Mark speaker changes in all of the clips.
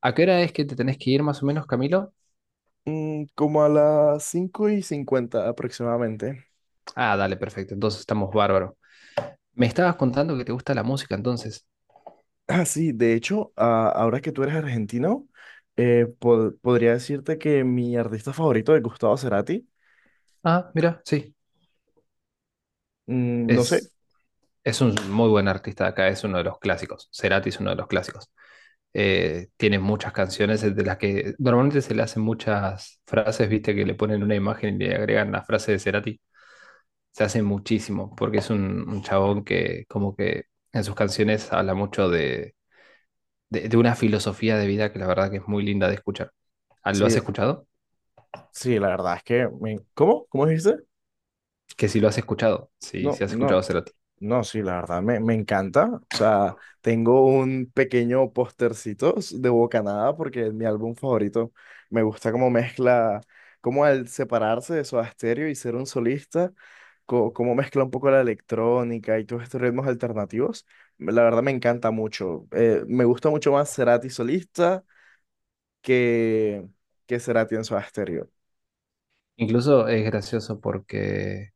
Speaker 1: ¿A qué hora es que te tenés que ir más o menos, Camilo?
Speaker 2: Como a las 5 y 50 aproximadamente.
Speaker 1: Ah, dale, perfecto. Entonces estamos bárbaro. Me estabas contando que te gusta la música, entonces.
Speaker 2: Ah, sí, de hecho, ahora que tú eres argentino, podría decirte que mi artista favorito es Gustavo Cerati.
Speaker 1: Ah, mira, sí.
Speaker 2: Mm, no sé,
Speaker 1: Es, es un muy buen artista de acá, es uno de los clásicos. Cerati es uno de los clásicos. Tiene muchas canciones de las que normalmente se le hacen muchas frases, viste, que le ponen una imagen y le agregan la frase de Cerati. Se hace muchísimo, porque es un chabón que como que en sus canciones habla mucho de de una filosofía de vida que la verdad que es muy linda de escuchar. Ah, ¿lo has
Speaker 2: sí,
Speaker 1: escuchado?
Speaker 2: sí, la verdad es que ¿Cómo? ¿Cómo dijiste?
Speaker 1: Que si lo has escuchado,
Speaker 2: No,
Speaker 1: si has
Speaker 2: no,
Speaker 1: escuchado Cerati.
Speaker 2: no, sí, la verdad, me encanta. O sea, tengo un pequeño postercito de Bocanada porque es mi álbum favorito. Me gusta cómo mezcla, cómo al separarse de Soda Stereo y ser un solista, cómo mezcla un poco la electrónica y todos estos ritmos alternativos. La verdad, me encanta mucho. Me gusta mucho más Cerati solista que, que Cerati en Soda Stereo.
Speaker 1: Incluso es gracioso porque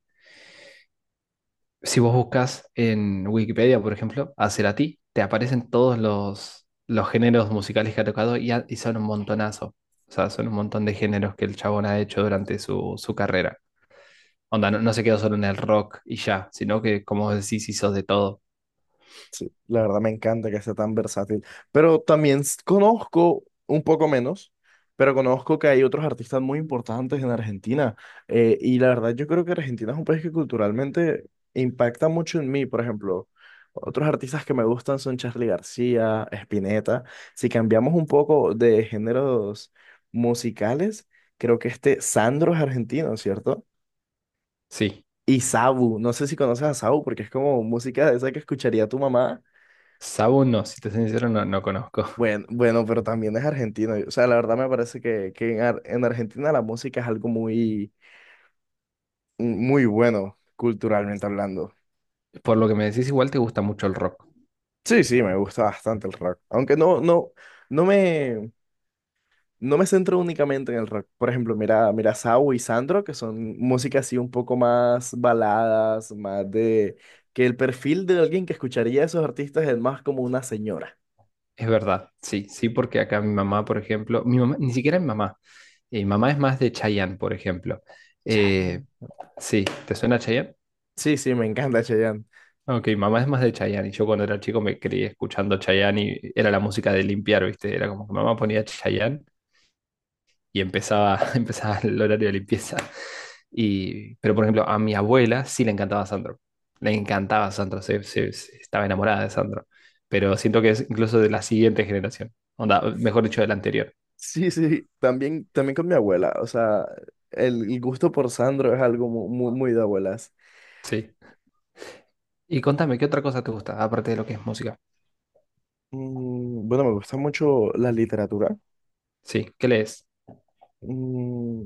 Speaker 1: si vos buscas en Wikipedia, por ejemplo, a Cerati, te aparecen todos los géneros musicales que ha tocado y son un montonazo. O sea, son un montón de géneros que el chabón ha hecho durante su carrera. Onda, no, no se quedó solo en el rock y ya, sino que, como vos decís, hizo de todo.
Speaker 2: La verdad me encanta que sea tan versátil. Pero también conozco un poco menos, pero conozco que hay otros artistas muy importantes en Argentina. Y la verdad yo creo que Argentina es un país que culturalmente impacta mucho en mí. Por ejemplo, otros artistas que me gustan son Charly García, Spinetta. Si cambiamos un poco de géneros musicales, creo que este Sandro es argentino, ¿cierto?
Speaker 1: Sí,
Speaker 2: Y Sabu, no sé si conoces a Sabu porque es como música de esa que escucharía tu mamá.
Speaker 1: Sabu no, si te soy sincero, no, no conozco.
Speaker 2: Bueno, pero también es argentino. O sea, la verdad me parece que, que en Argentina la música es algo muy, muy bueno, culturalmente hablando.
Speaker 1: Por lo que me decís, igual te gusta mucho el rock.
Speaker 2: Sí, sí, me gusta bastante el rock. Aunque no me, no me centro únicamente en el rock. Por ejemplo, mira Sau y Sandro, que son música así un poco más baladas, más de que el perfil de alguien que escucharía a esos artistas es más como una señora.
Speaker 1: Es verdad, sí, sí, porque acá mi mamá, por ejemplo, mi mamá, ni siquiera mi mamá es más de Chayanne, por ejemplo. Eh,
Speaker 2: Chayanne.
Speaker 1: sí, ¿te suena Chayanne?
Speaker 2: Sí, sí, me encanta Chayanne.
Speaker 1: Ok, mi mamá es más de Chayanne y yo cuando era chico me creí escuchando Chayanne y era la música de limpiar, ¿viste? Era como que mamá ponía Chayanne y empezaba, empezaba el horario de limpieza. Y, pero, por ejemplo, a mi abuela sí le encantaba Sandro. Le encantaba Sandro, estaba enamorada de Sandro. Pero siento que es incluso de la siguiente generación. Onda, mejor dicho, de la anterior.
Speaker 2: Sí, sí, también, también con mi abuela. O sea, el gusto por Sandro es algo muy, de abuelas.
Speaker 1: Sí. Y contame, ¿qué otra cosa te gusta, aparte de lo que es música?
Speaker 2: Bueno, me gusta mucho la literatura.
Speaker 1: Sí, ¿qué lees?
Speaker 2: Mm,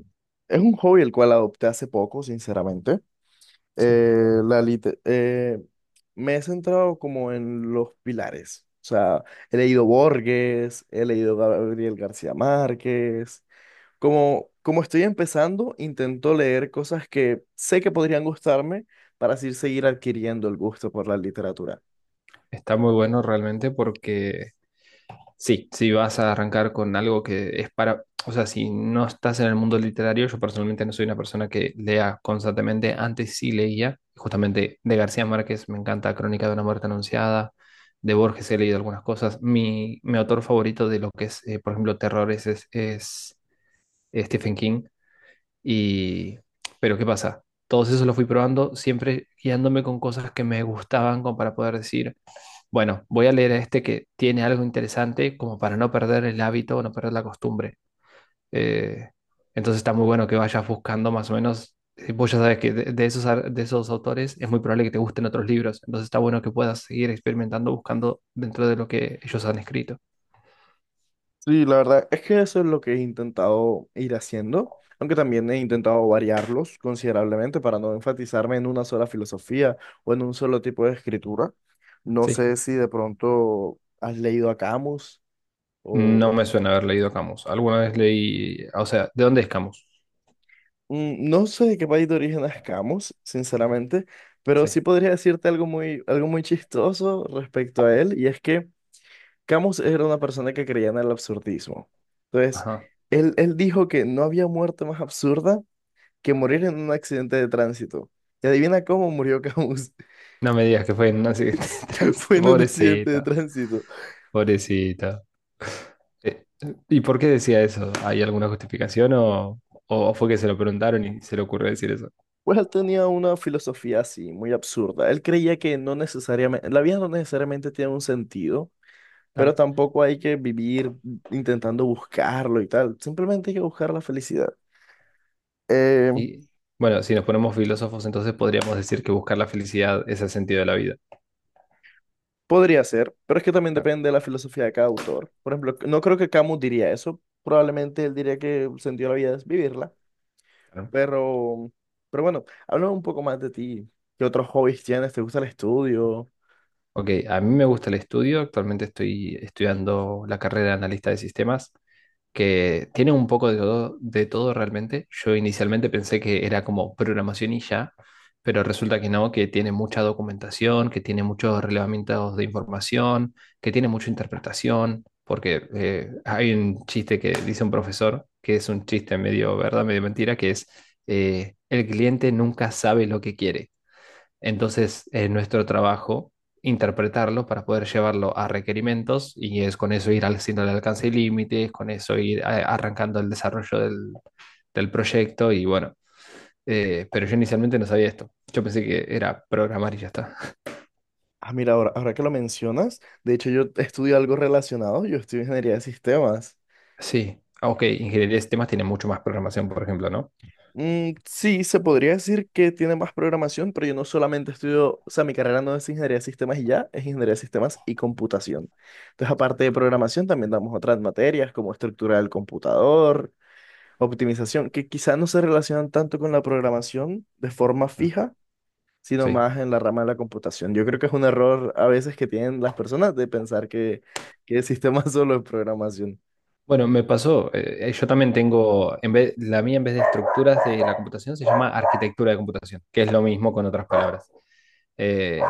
Speaker 2: es un hobby el cual adopté hace poco, sinceramente.
Speaker 1: Sí.
Speaker 2: Eh, la lite- eh, Me he centrado como en los pilares. O sea, he leído Borges, he leído Gabriel García Márquez. Como estoy empezando, intento leer cosas que sé que podrían gustarme para así seguir adquiriendo el gusto por la literatura.
Speaker 1: Está muy bueno realmente porque sí, si vas a arrancar con algo que es para, o sea, si no estás en el mundo literario, yo personalmente no soy una persona que lea constantemente, antes sí leía, justamente de García Márquez me encanta Crónica de una muerte anunciada, de Borges he leído algunas cosas, mi autor favorito de lo que es, por ejemplo, terrores es Stephen King, y, pero ¿qué pasa? Todos esos los fui probando, siempre guiándome con cosas que me gustaban como para poder decir bueno, voy a leer este que tiene algo interesante como para no perder el hábito o no perder la costumbre. Eh, entonces está muy bueno que vayas buscando más o menos. Vos ya sabes que de, de esos autores es muy probable que te gusten otros libros. Entonces está bueno que puedas seguir experimentando buscando dentro de lo que ellos han escrito.
Speaker 2: Sí, la verdad es que eso es lo que he intentado ir haciendo, aunque también he intentado variarlos considerablemente para no enfatizarme en una sola filosofía o en un solo tipo de escritura. No
Speaker 1: Sí.
Speaker 2: sé si de pronto has leído a Camus
Speaker 1: No
Speaker 2: o...
Speaker 1: me suena haber leído Camus. Alguna vez leí, o sea, ¿de dónde es Camus?
Speaker 2: No sé de qué país de origen es Camus, sinceramente, pero sí
Speaker 1: Sí.
Speaker 2: podría decirte algo muy chistoso respecto a él, y es que Camus era una persona que creía en el absurdismo. Entonces,
Speaker 1: Ajá.
Speaker 2: él dijo que no había muerte más absurda que morir en un accidente de tránsito. Y adivina cómo murió Camus.
Speaker 1: No me digas que fue en un accidente de
Speaker 2: Fue
Speaker 1: tránsito.
Speaker 2: en un accidente de
Speaker 1: Pobrecita,
Speaker 2: tránsito.
Speaker 1: pobrecita. Eh, ¿Y por qué decía eso? ¿Hay alguna justificación o fue que se lo preguntaron y se le ocurrió decir eso?
Speaker 2: Pues él tenía una filosofía así, muy absurda. Él creía que no necesariamente, la vida no necesariamente tiene un sentido, pero
Speaker 1: Claro.
Speaker 2: tampoco hay que vivir intentando buscarlo y tal. Simplemente hay que buscar la felicidad. Eh,
Speaker 1: Y bueno, si nos ponemos filósofos, entonces podríamos decir que buscar la felicidad es el sentido de la vida.
Speaker 2: Podría ser, pero es que también
Speaker 1: Claro,
Speaker 2: depende de la filosofía de cada autor. Por ejemplo, no creo que Camus diría eso. Probablemente él diría que el sentido de la vida es vivirla.
Speaker 1: claro.
Speaker 2: Pero, pero bueno, háblame un poco más de ti. ¿Qué otros hobbies tienes? ¿Te gusta el estudio?
Speaker 1: Ok, a mí me gusta el estudio, actualmente estoy estudiando la carrera de analista de sistemas que tiene un poco de todo realmente. Yo inicialmente pensé que era como programación y ya, pero resulta que no, que tiene mucha documentación, que tiene muchos relevamientos de información, que tiene mucha interpretación, porque hay un chiste que dice un profesor, que es un chiste medio verdad, medio mentira, que es el cliente nunca sabe lo que quiere. Entonces, nuestro trabajo, interpretarlo para poder llevarlo a requerimientos y es con eso ir haciendo el alcance y límites, con eso ir arrancando el desarrollo del proyecto y bueno, pero yo inicialmente no sabía esto. Yo pensé que era programar y ya está.
Speaker 2: Ah, mira, ahora, ahora que lo mencionas, de hecho yo estudio algo relacionado. Yo estudio ingeniería de sistemas.
Speaker 1: Sí, ah, ok, ingeniería de sistemas tiene mucho más programación, por ejemplo, ¿no?
Speaker 2: Sí, se podría decir que tiene más programación, pero yo no solamente estudio, o sea, mi carrera no es ingeniería de sistemas y ya, es ingeniería de sistemas y computación. Entonces, aparte de programación, también damos otras materias como estructura del computador, optimización, que quizás no se relacionan tanto con la programación de forma
Speaker 1: Ah,
Speaker 2: fija, sino
Speaker 1: sí.
Speaker 2: más en la rama de la computación. Yo creo que es un error a veces que tienen las personas de pensar que el sistema solo es programación.
Speaker 1: Bueno, me pasó, yo también tengo, en vez, la mía en vez de estructuras de la computación se llama arquitectura de computación, que es lo mismo con otras palabras. Eh,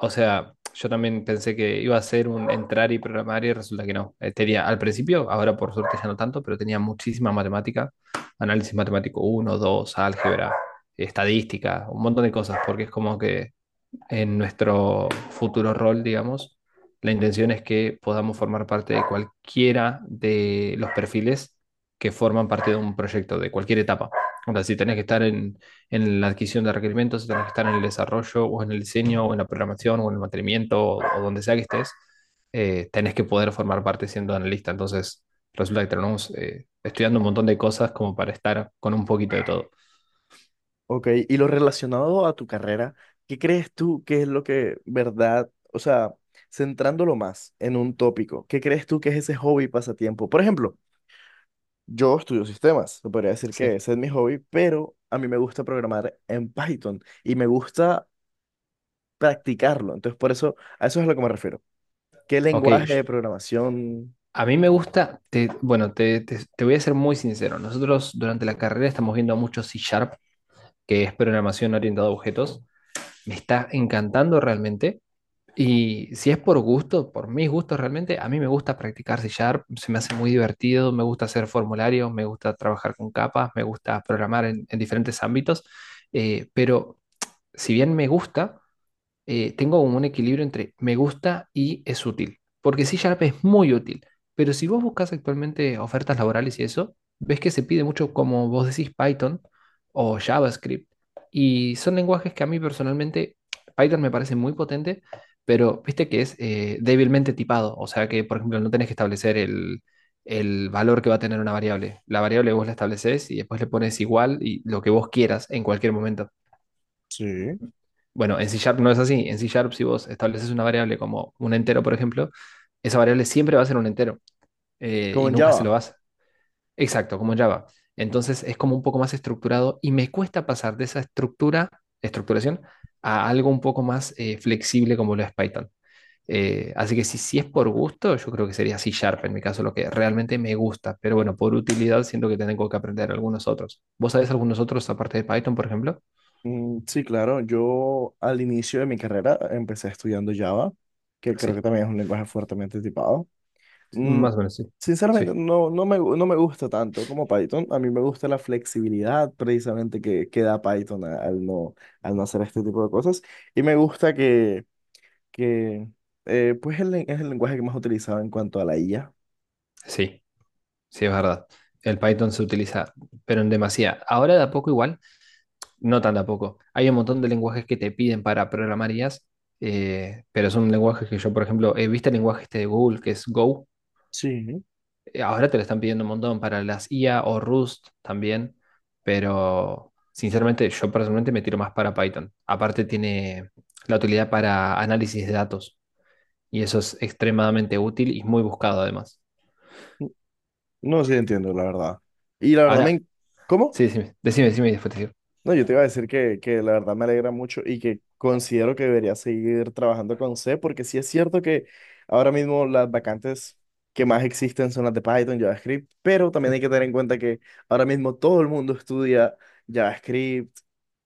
Speaker 1: O sea, yo también pensé que iba a ser un entrar y programar y resulta que no. Tenía al principio, ahora por suerte ya no tanto, pero tenía muchísima matemática, análisis matemático uno, 2, álgebra, estadística, un montón de cosas, porque es como que en nuestro futuro rol, digamos. La intención es que podamos formar parte de cualquiera de los perfiles que forman parte de un proyecto, de cualquier etapa. O sea, si tenés que estar en la adquisición de requerimientos, si tenés que estar en el desarrollo, o en el diseño, o en la programación, o en el mantenimiento, o donde sea que estés, tenés que poder formar parte siendo analista. Entonces, resulta que tenemos estudiando un montón de cosas como para estar con un poquito de todo.
Speaker 2: Ok, y lo relacionado a tu carrera, ¿qué crees tú que es lo que, verdad, o sea, centrándolo más en un tópico, ¿qué crees tú que es ese hobby pasatiempo? Por ejemplo, yo estudio sistemas, se podría decir que
Speaker 1: Sí.
Speaker 2: ese es mi hobby, pero a mí me gusta programar en Python y me gusta practicarlo, entonces por eso, a eso es a lo que me refiero. ¿Qué
Speaker 1: Ok,
Speaker 2: lenguaje de programación?
Speaker 1: a mí me gusta, bueno, te voy a ser muy sincero. Nosotros durante la carrera estamos viendo mucho C Sharp, que es programación orientada a objetos. Me está encantando realmente. Y si es por gusto, por mis gustos realmente, a mí me gusta practicar C Sharp, se me hace muy divertido, me gusta hacer formularios, me gusta trabajar con capas, me gusta programar en diferentes ámbitos. Pero si bien me gusta, tengo como un equilibrio entre me gusta y es útil. Porque C Sharp es muy útil, pero si vos buscas actualmente ofertas laborales y eso, ves que se pide mucho, como vos decís, Python o JavaScript. Y son lenguajes que a mí personalmente, Python me parece muy potente, pero viste que es débilmente tipado. O sea que, por ejemplo, no tenés que establecer el valor que va a tener una variable. La variable vos la estableces y después le pones igual y lo que vos quieras en cualquier momento.
Speaker 2: Sí.
Speaker 1: Bueno, en C Sharp no es así. En C Sharp, si vos estableces una variable como un entero, por ejemplo, esa variable siempre va a ser un entero
Speaker 2: ¿Como
Speaker 1: y
Speaker 2: en
Speaker 1: nunca se lo
Speaker 2: Java?
Speaker 1: vas. Exacto, como en Java. Entonces es como un poco más estructurado y me cuesta pasar de esa estructura, estructuración, a algo un poco más flexible como lo es Python. Así que si es por gusto, yo creo que sería C Sharp en mi caso, lo que realmente me gusta. Pero bueno, por utilidad siento que tengo que aprender algunos otros. ¿Vos sabés algunos otros aparte de Python, por ejemplo?
Speaker 2: Sí, claro, yo al inicio de mi carrera empecé estudiando Java, que creo que
Speaker 1: Sí,
Speaker 2: también es un lenguaje fuertemente tipado. Mm,
Speaker 1: más o menos sí. Sí,
Speaker 2: Sinceramente, no me gusta tanto como Python. A mí me gusta la flexibilidad precisamente que da Python al no hacer este tipo de cosas. Y me gusta que, que pues es el lenguaje que más utilizado en cuanto a la IA.
Speaker 1: sí. Sí, es verdad. El Python se utiliza, pero en demasía. Ahora de a poco igual, no tan de a poco. Hay un montón de lenguajes que te piden para programar IAs, pero son lenguajes que yo, por ejemplo, he visto el lenguaje este de Google, que es Go.
Speaker 2: Sí.
Speaker 1: Ahora te lo están pidiendo un montón para las IA o Rust también, pero sinceramente yo personalmente me tiro más para Python. Aparte tiene la utilidad para análisis de datos y eso es extremadamente útil y muy buscado además.
Speaker 2: No, sí entiendo, la verdad. Y la verdad,
Speaker 1: Ahora,
Speaker 2: ¿Cómo?
Speaker 1: sí, decime, decime, decime y después te digo.
Speaker 2: No, yo te iba a decir que la verdad me alegra mucho y que considero que debería seguir trabajando con C, porque sí es cierto que ahora mismo las vacantes que más existen son las de Python, JavaScript, pero
Speaker 1: Sí.
Speaker 2: también hay que tener en cuenta que ahora mismo todo el mundo estudia JavaScript,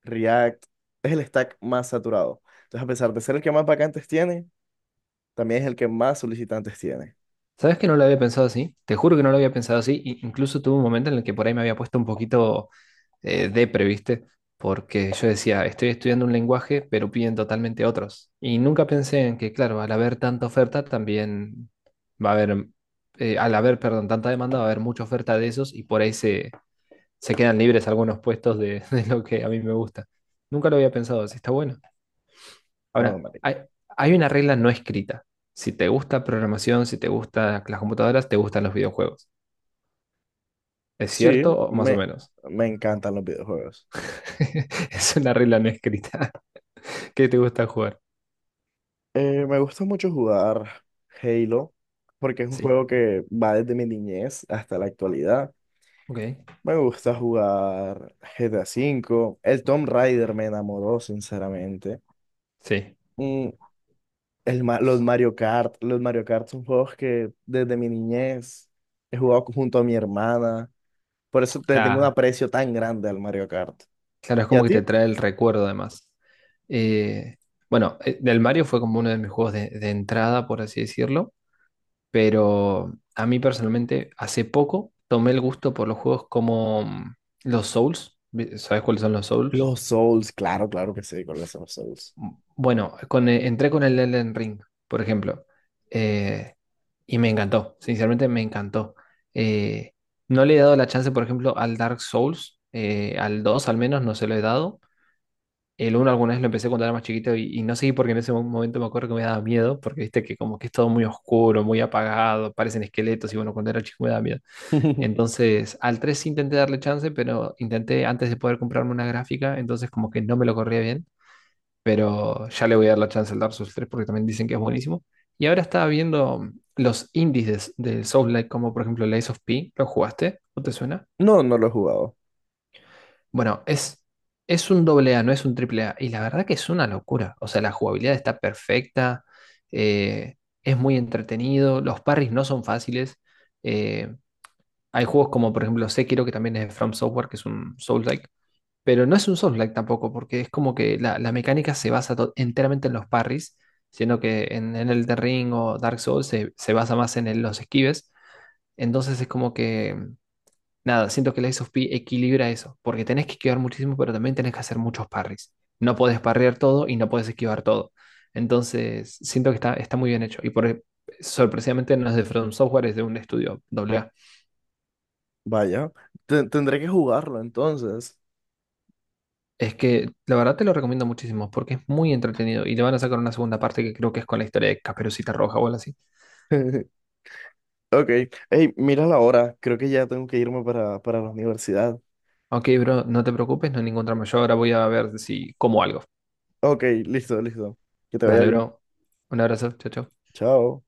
Speaker 2: React, es el stack más saturado. Entonces, a pesar de ser el que más vacantes tiene, también es el que más solicitantes tiene.
Speaker 1: ¿Sabes que no lo había pensado así? Te juro que no lo había pensado así. Incluso tuve un momento en el que por ahí me había puesto un poquito depre, ¿viste? Porque yo decía, estoy estudiando un lenguaje, pero piden totalmente otros. Y nunca pensé en que, claro, al haber tanta oferta, también va a haber, al haber, perdón, tanta demanda, va a haber mucha oferta de esos y por ahí se, se quedan libres algunos puestos de, de lo que a mí me gusta. Nunca lo había pensado así, está bueno.
Speaker 2: Oh,
Speaker 1: Ahora,
Speaker 2: marica.
Speaker 1: hay una regla no escrita. Si te gusta programación, si te gustan las computadoras, te gustan los videojuegos. ¿Es
Speaker 2: Sí,
Speaker 1: cierto o más o
Speaker 2: me,
Speaker 1: menos?
Speaker 2: me encantan los videojuegos.
Speaker 1: Es una regla no escrita. ¿Qué te gusta jugar?
Speaker 2: Me gusta mucho jugar Halo porque es un
Speaker 1: Sí.
Speaker 2: juego que va desde mi niñez hasta la actualidad.
Speaker 1: Ok.
Speaker 2: Me gusta jugar GTA V. El Tomb Raider me enamoró, sinceramente.
Speaker 1: Sí.
Speaker 2: Mm, los Mario Kart. Los Mario Kart son juegos que desde mi niñez he jugado junto a mi hermana. Por eso te tengo un
Speaker 1: La-
Speaker 2: aprecio tan grande al Mario Kart.
Speaker 1: Claro, es
Speaker 2: ¿Y a
Speaker 1: como que
Speaker 2: ti?
Speaker 1: te trae el recuerdo además. Eh, bueno, del Mario fue como uno de mis juegos de entrada, por así decirlo, pero a mí personalmente hace poco tomé el gusto por los juegos como los Souls. ¿Sabes cuáles son los Souls?
Speaker 2: Los Souls, claro, claro que sí, con los Souls.
Speaker 1: Bueno, entré con el Elden Ring, por ejemplo, eh, y me encantó, sinceramente me encantó. Eh, no le he dado la chance, por ejemplo, al Dark Souls, al 2, al menos, no se lo he dado. El uno, alguna vez lo empecé cuando era más chiquito y no seguí porque en ese momento me acuerdo que me daba miedo, porque viste que como que es todo muy oscuro, muy apagado, parecen esqueletos y bueno, cuando era chico me daba miedo. Entonces, al 3 intenté darle chance, pero intenté antes de poder comprarme una gráfica, entonces como que no me lo corría bien pero ya le voy a dar la chance al Dark Souls 3 porque también dicen que es buenísimo. Y ahora estaba viendo los índices del Souls-like, como por ejemplo el Ace of P, ¿lo jugaste? ¿No te suena?
Speaker 2: No, no lo he jugado.
Speaker 1: Bueno, es un doble A, no es un triple A. Y la verdad que es una locura. O sea, la jugabilidad está perfecta, eh, es muy entretenido, los parries no son fáciles. eh, Hay juegos como por ejemplo Sekiro, que también es de From Software, que es un Souls-like, pero no es un Souls-like tampoco, porque es como que la mecánica se basa enteramente en los parries, siendo que en Elden Ring o Dark Souls se basa más en los esquives. Entonces es como que, nada, siento que el Ace of P equilibra eso, porque tenés que esquivar muchísimo, pero también tenés que hacer muchos parries. No podés parrear todo y no podés esquivar todo. Entonces siento que está, está muy bien hecho. Y por, sorpresivamente no es de From Software, es de un estudio AA.
Speaker 2: Vaya, tendré que jugarlo entonces.
Speaker 1: Es que la verdad te lo recomiendo muchísimo porque es muy entretenido y le van a sacar una segunda parte que creo que es con la historia de Caperucita Roja o algo así.
Speaker 2: Ok, hey, mira la hora, creo que ya tengo que irme para la universidad.
Speaker 1: Ok, bro, no te preocupes, no hay ningún drama. Yo ahora voy a ver si como algo.
Speaker 2: Ok, listo, listo. Que te vaya
Speaker 1: Dale,
Speaker 2: bien.
Speaker 1: bro. Un abrazo, chao, chao.
Speaker 2: Chao.